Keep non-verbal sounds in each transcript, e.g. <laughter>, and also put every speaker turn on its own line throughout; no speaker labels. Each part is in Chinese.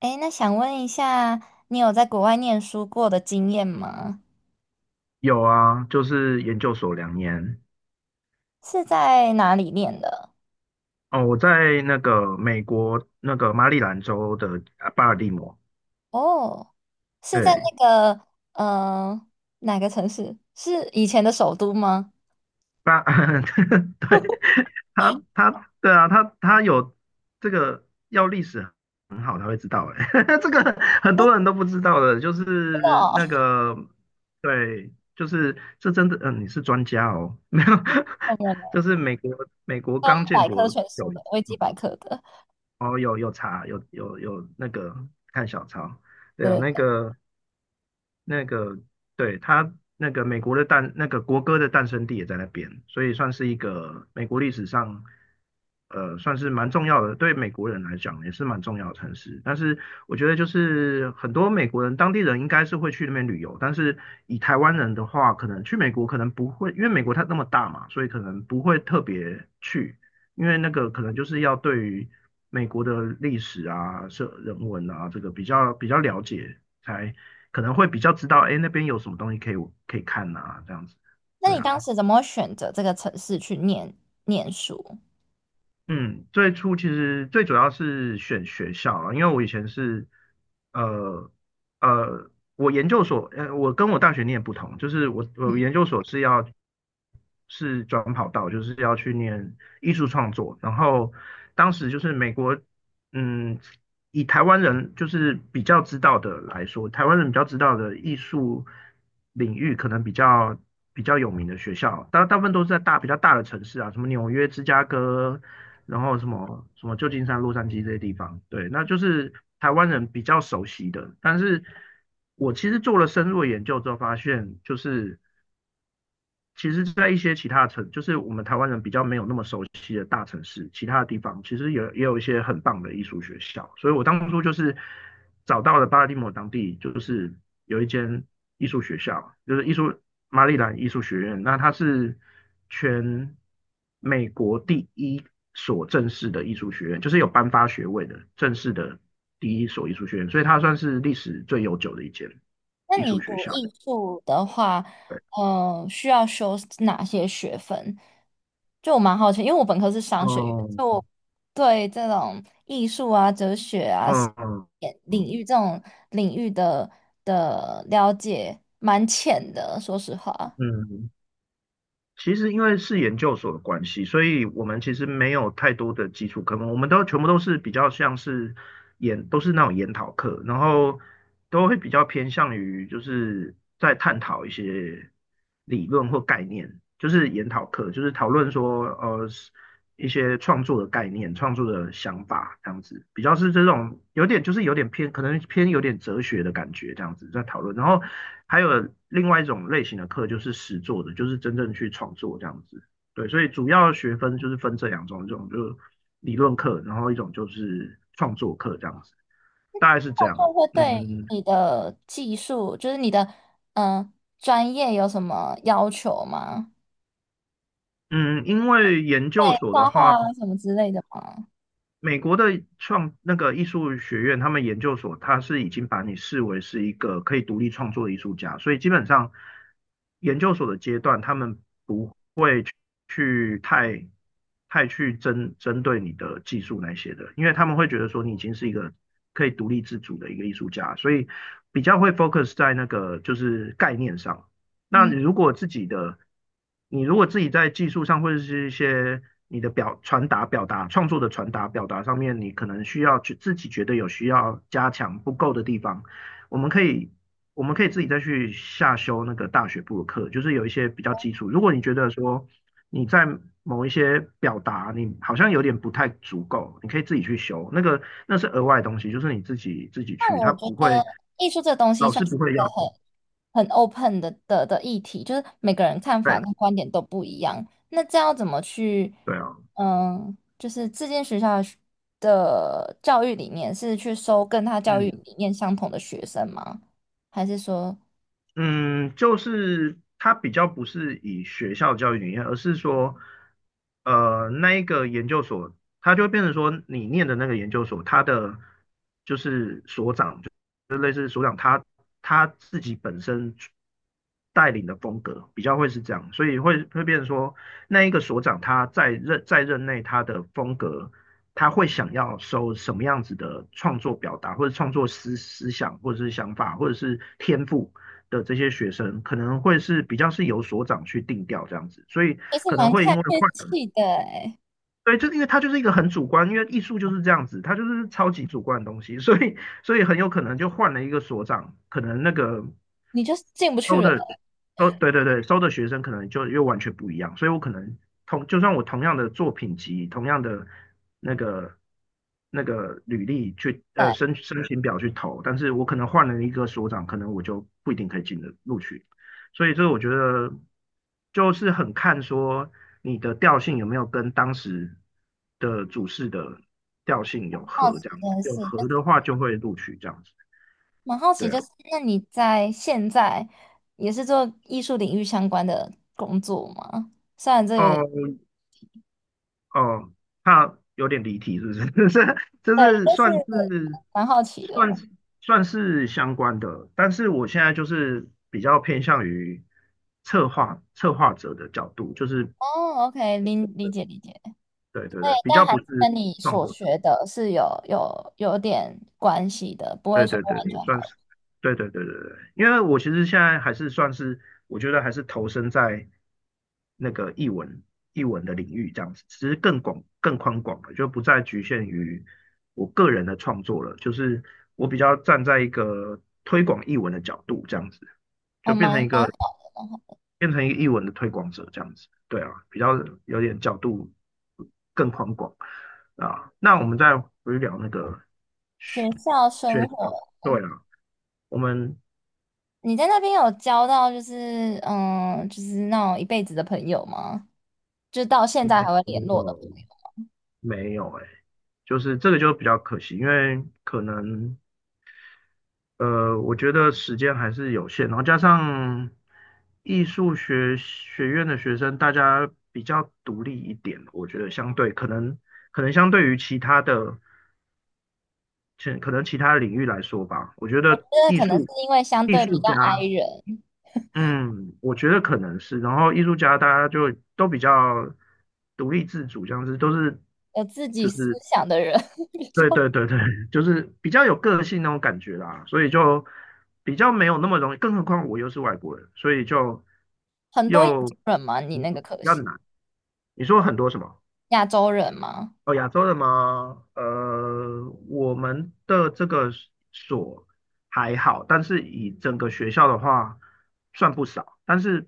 诶，那想问一下，你有在国外念书过的经验吗？
有啊，就是研究所2年。
是在哪里念的？
哦，我在那个美国那个马里兰州的啊巴尔的摩，
哦，是在
对，
那个呃哪个城市？是以前的首都吗？
巴，<laughs>
<laughs>
对，
真
他对啊，他有这个要历史很好才会知道，哎，<laughs> 这个很多人都不知道的，就是那
的
个对，就是这真的，你是专家哦，<laughs> 没有，
哦，没有没
就
有，
是美国
刚
刚建
百
国
科全书
有。
的，维基百科的。
哦，有查，有有有那个看小抄，对啊，
对，
那个那个对那个美国的那个国歌的诞生地也在那边，所以算是一个美国历史上算是蛮重要的，对美国人来讲也是蛮重要的城市。但是我觉得就是很多美国人当地人应该是会去那边旅游，但是以台湾人的话，可能去美国可能不会，因为美国它那么大嘛，所以可能不会特别去，因为那个可能就是要对于美国的历史啊、社人文啊这个比较了解才。可能会比较知道，哎，那边有什么东西可以看呐、这样子。
那
对
你当
啊，
时怎么会选择这个城市去念书？
嗯，最初其实最主要是选学校了，因为我以前是，呃我研究所，我跟我大学念不同，就是我研究所是要是转跑道，就是要去念艺术创作，然后当时就是美国，嗯，以台湾人就是比较知道的来说，台湾人比较知道的艺术领域，可能比较有名的学校，大部分都是在比较大的城市啊，什么纽约、芝加哥，然后什么旧金山、洛杉矶这些地方。对，那就是台湾人比较熟悉的。但是我其实做了深入的研究之后，发现就是其实，在一些其他城，就是我们台湾人比较没有那么熟悉的大城市，其他的地方其实也有一些很棒的艺术学校。所以我当初就是找到了巴尔的摩当地，就是有一间艺术学校，就是马里兰艺术学院。那它是全美国第一所正式的艺术学院，就是有颁发学位的正式的第一所艺术学院，所以它算是历史最悠久的一间
那
艺
你
术学
读
校。
艺术的话，
对，
需要修哪些学分？就我蛮好奇，因为我本科是商学院，
哦，
就我对这种艺术啊、哲学啊
嗯。
领域这种领域的了解蛮浅的，说实话，
嗯，其实因为是研究所的关系，所以我们其实没有太多的基础科目，我们都全部都是比较像是都是那种研讨课，然后都会比较偏向于就是在探讨一些理论或概念，就是研讨课，就是讨论说一些创作的概念、创作的想法这样子，比较是这种有点就是有点偏，可能偏有点哲学的感觉这样子在讨论。然后还有另外一种类型的课就是实作的，就是真正去创作这样子。对，所以主要学分就是分这两种，一种就是理论课，然后一种就是创作课这样子，大概是这样。
就会
嗯
对
嗯，
你的技术，就是你的嗯、呃专业有什么要求吗？
嗯嗯因为研
会
究所的
画画
话，
啊什么之类的吗？
美国的那个艺术学院，他们研究所，他是已经把你视为是一个可以独立创作的艺术家，所以基本上研究所的阶段，他们会去太太去针对你的技术那些的，因为他们会觉得说你已经是一个可以独立自主的一个艺术家，所以比较会 focus 在那个就是概念上。那你
嗯，
如果自己的，你如果自己在技术上或者是一些你的传达、表达、创作的传达、表达上面，你可能需要去自己觉得有需要加强不够的地方。我们可以我们可以自己再去下修那个大学部的课，就是有一些比较基础。如果你觉得说你在某一些表达你好像有点不太足够，你可以自己去修，那个那是额外的东西，就是你自己
那
去，
我
他
觉
不会
得艺术这东西
老
算
师
是
不
一
会
个
要求。
很很 open 的议题，就是每个人看法
对
跟观点都不一样。那这样要怎么去，
对啊，
嗯，就是这间学校的的教育理念是去收跟他教育
嗯
理念相同的学生吗？还是说
嗯，就是它比较不是以学校教育理念，而是说。呃，那一个研究所，它就会变成说，你念的那个研究所，它的就是他自己本身带领的风格，比较会是这样，所以会变成说，那一个所长他在任内他的风格，他会想要收什么样子的创作表达，或者创作思想，或者是想法，或者是天赋。的这些学生可能会是比较是由所长去定调这样子，所以
其是
可能
蛮
会
看
因为
运
换人
气的诶，
对，就是因为他就是一个很主观，因为艺术就是这样子，他就是超级主观的东西，所以很有可能就换了一个所长，可能那个
你就是进不去
收
了。
的对对对收的学生可能就又完全不一样，所以我可能就算我同样的作品集、同样的那个那个履历去
对，
申请表去投，但是我可能换了一个所长，可能我就不一定可以录取。所以这我觉得就是很看说你的调性有没有跟当时的主事的调性有
好
合
奇
这样
这
子，
件
有
事，就
合
是
的话就会录取这样子。
蛮好奇，
对
就
啊。
是那你在现在也是做艺术领域相关的工作吗？虽然这有点
哦，哦，怕有点离题，是不是？<laughs> 这这
对，
是
但是
算是
蛮好奇
算
的。
是算是相关的，但是我现在就是比较偏向于策划者的角度，就是
哦，OK，理解理解，
对对
哎
对，比
但
较
还
不
是
是
跟你
创
所
作者。
学的是有有点关系的，不会
对
说
对对，
完全
也算
好。
是，对对对对对，因为我其实现在还是算是，我觉得还是投身在那个译文的领域这样子，其实更广更宽广了，就不再局限于我个人的创作了，就是我比较站在一个推广译文的角度这样子，
我
就
们 <laughs>
变成一个译文的推广者这样子，对啊，比较有点角度更宽广啊。那我们再回去聊那个
学校生
学，
活，
对啊。我们
你在那边有交到就是嗯，就是那种一辈子的朋友吗？就到现在
没
还会联络的
有，没有哎、就是这个就比较可惜，因为可能我觉得时间还是有限，然后加上艺术学院的学生，大家比较独立一点，我觉得相对可能相对于其他的，可能其他领域来说吧，我觉得
因为可能是因为相
艺
对比
术
较
家，
i 人，
嗯，我觉得可能是，然后艺术家大家就都比较独立自主，这样子都是。
有自己思想的人 <laughs> 比较
对对对对，就是比较有个性那种感觉啦，所以就比较没有那么容易，更何况我又是外国人，所以就
很多亚
又
洲人吗？你
比
那个可
较
系
难。你说很多什么？
亚洲人吗？
哦，亚洲的吗？我们的这个所还好，但是以整个学校的话，算不少，但是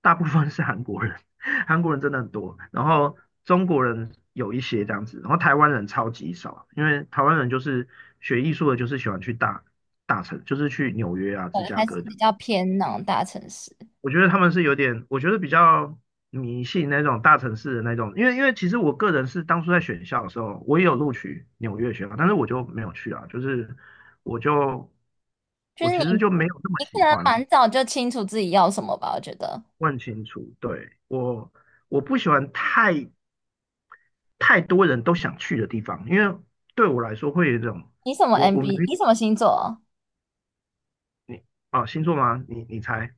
大部分是韩国人，<laughs> 韩国人真的很多，然后中国人有一些这样子，然后台湾人超级少，因为台湾人就是学艺术的，就是喜欢去大城，就是去纽约啊、芝加
还是
哥
比较偏那种大城市？
我觉得他们是有点，我觉得比较迷信那种大城市的那种，因为其实我个人是当初在选校的时候，我也有录取纽约学校，但是我就没有去啊，就是我就
就
我
是你。
其实就没有那么
你可
喜
能
欢，
蛮早就清楚自己要什么吧，我觉得。
问清楚，对，我不喜欢太多人都想去的地方，因为对我来说会有一种
你什么
我我们
MB？你什么星座
你啊、星座吗？你猜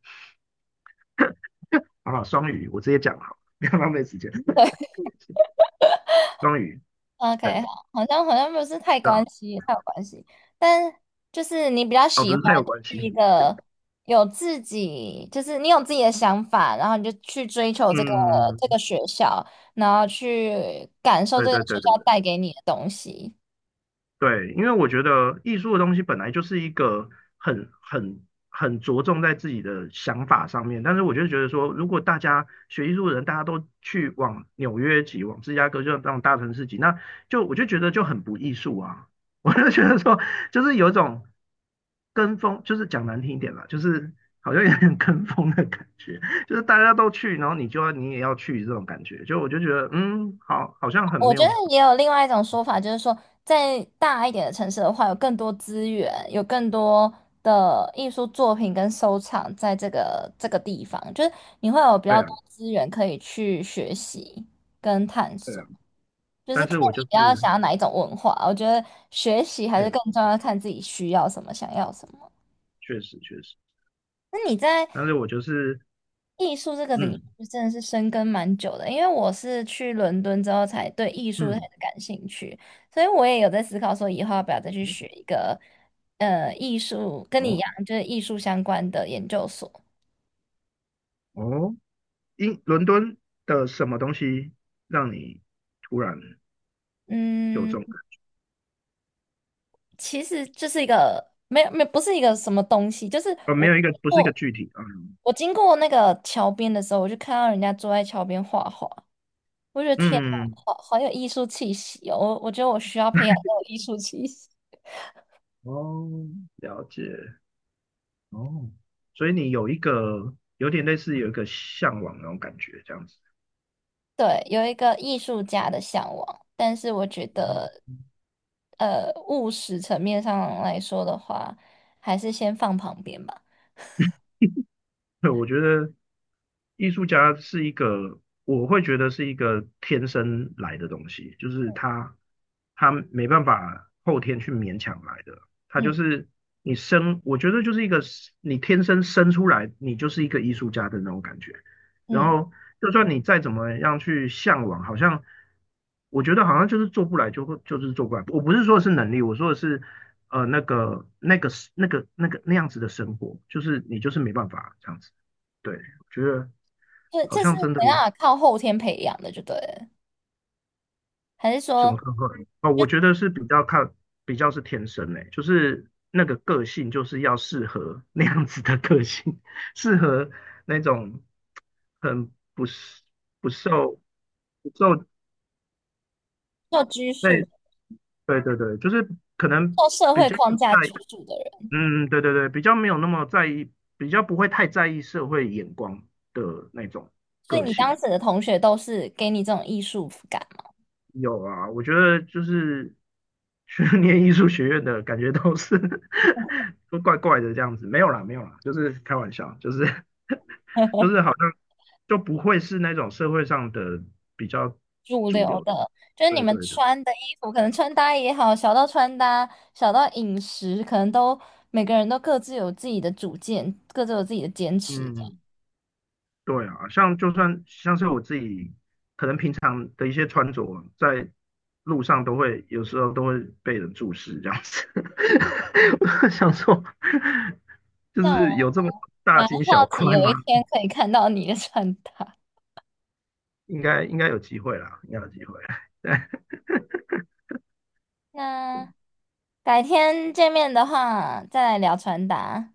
好不好？双鱼，我直接讲好，<laughs> 不要浪费时间，双鱼，
？OK，
对，
好，好像不是太
这
关
样
系，太有关系。但就是你比较
啊哦，
喜
不是
欢
太有关
去一
系。
个有自己，就是你有自己的想法，然后你就去追求这个
嗯，
学校，然后去感受
对
这个
对
学
对对
校
对
带给你的东西。
对，因为我觉得艺术的东西本来就是一个很着重在自己的想法上面，但是我就觉得说，如果大家学艺术的人，大家都去往纽约挤，往芝加哥就往大城市挤，那就我就觉得就很不艺术啊，<laughs> 我就觉得说，就是有一种跟风，就是讲难听一点啦，就是好像有点跟风的感觉，就是大家都去，然后你也要去这种感觉，就我就觉得好，好像很
我
没
觉得
有。
也有另外一种说法，就是说，在大一点的城市的话，有更多资源，有更多的艺术作品跟收藏在这个地方，就是你会有比
对
较
啊。
多资源可以去学习跟探
对
索，
啊，
就是
但
看
是我就
你
是，
比较想要哪一种文化。我觉得学习还
确
是更
实
重要，看自己需要什么，想要什么。
确实,确实，
那你在
但是我就是，
艺术这个领
嗯
域真的是深耕蛮久的，因为我是去伦敦之后才对艺术开始
嗯，
感兴趣，所以我也有在思考说以后要不要再去学一个艺术，跟你一
哦
样就是艺术相关的研究所。
哦，英伦敦的什么东西让你突然有这
嗯，
种感？
其实就是一个没有没有不是一个什么东西，就是
呃，没有一个，不是一个具体啊，嗯
我经过那个桥边的时候，我就看到人家坐在桥边画画，我觉得天啊，
嗯，嗯
好好有艺术气息哦，我觉得我需要培养这种艺术气息。
哦，了解，哦，所以你有一个有点类似有一个向往那种感觉，这样子，
对，有一个艺术家的向往，但是我觉
嗯
得，务实层面上来说的话，还是先放旁边吧。
对，我觉得艺术家是一个，我会觉得是一个天生来的东西，就是他没办法后天去勉强来的，他就
嗯
是你生，我觉得就是一个你天生生出来，你就是一个艺术家的那种感觉。然
嗯，
后就算你再怎么样去向往，好像我觉得好像就是做不来就会就是做不来。我不是说的是能力，我说的是呃那个那个那个那样子的生活，就是你就是没办法这样子。对，我觉得
这
好
这是
像真的
怎样法靠后天培养的，就对了，还是
什
说
么课会哦，我觉得是比较看，比较是天生诶、就是那个个性就是要适合那样子的个性，<laughs> 适合那种很不是不受不受
受拘
在
束、
对，就是可能
受社
比
会
较
框
不
架
在意
拘束的人？
对对对，比较没有那么在意，比较不会太在意社会眼光的那种
所以
个
你当
性。
时的同学都是给你这种艺术感
有啊，我觉得就是去 <laughs> 念艺术学院的感觉都是
吗？
<laughs> 都怪怪的这样子，没有啦，没有啦，就是开玩笑，就是 <laughs> 就是
<laughs>
好像就不会是那种社会上的比较
主
主
流
流的，
的，就是你
对
们
对的，
穿的衣服，可能穿搭也好，小到穿搭，小到饮食，可能都每个人都各自有自己的主见，各自有自己的坚持的。
嗯。对啊，像就算像是我自己，可能平常的一些穿着，在路上都会有时候都会被人注视这样子。<laughs> 我就想说，就是有这么
那
大
我
惊
蛮
小
好奇，
怪
有
吗？
一天可以看到你的穿搭。<laughs>
应该应该有机会啦，应该有机会。<laughs> 对，
那改天见面的话，再来聊穿搭。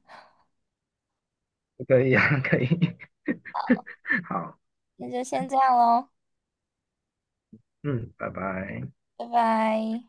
可以啊，可以。<laughs> 好，
那就先这样喽，
嗯，拜拜。
拜拜。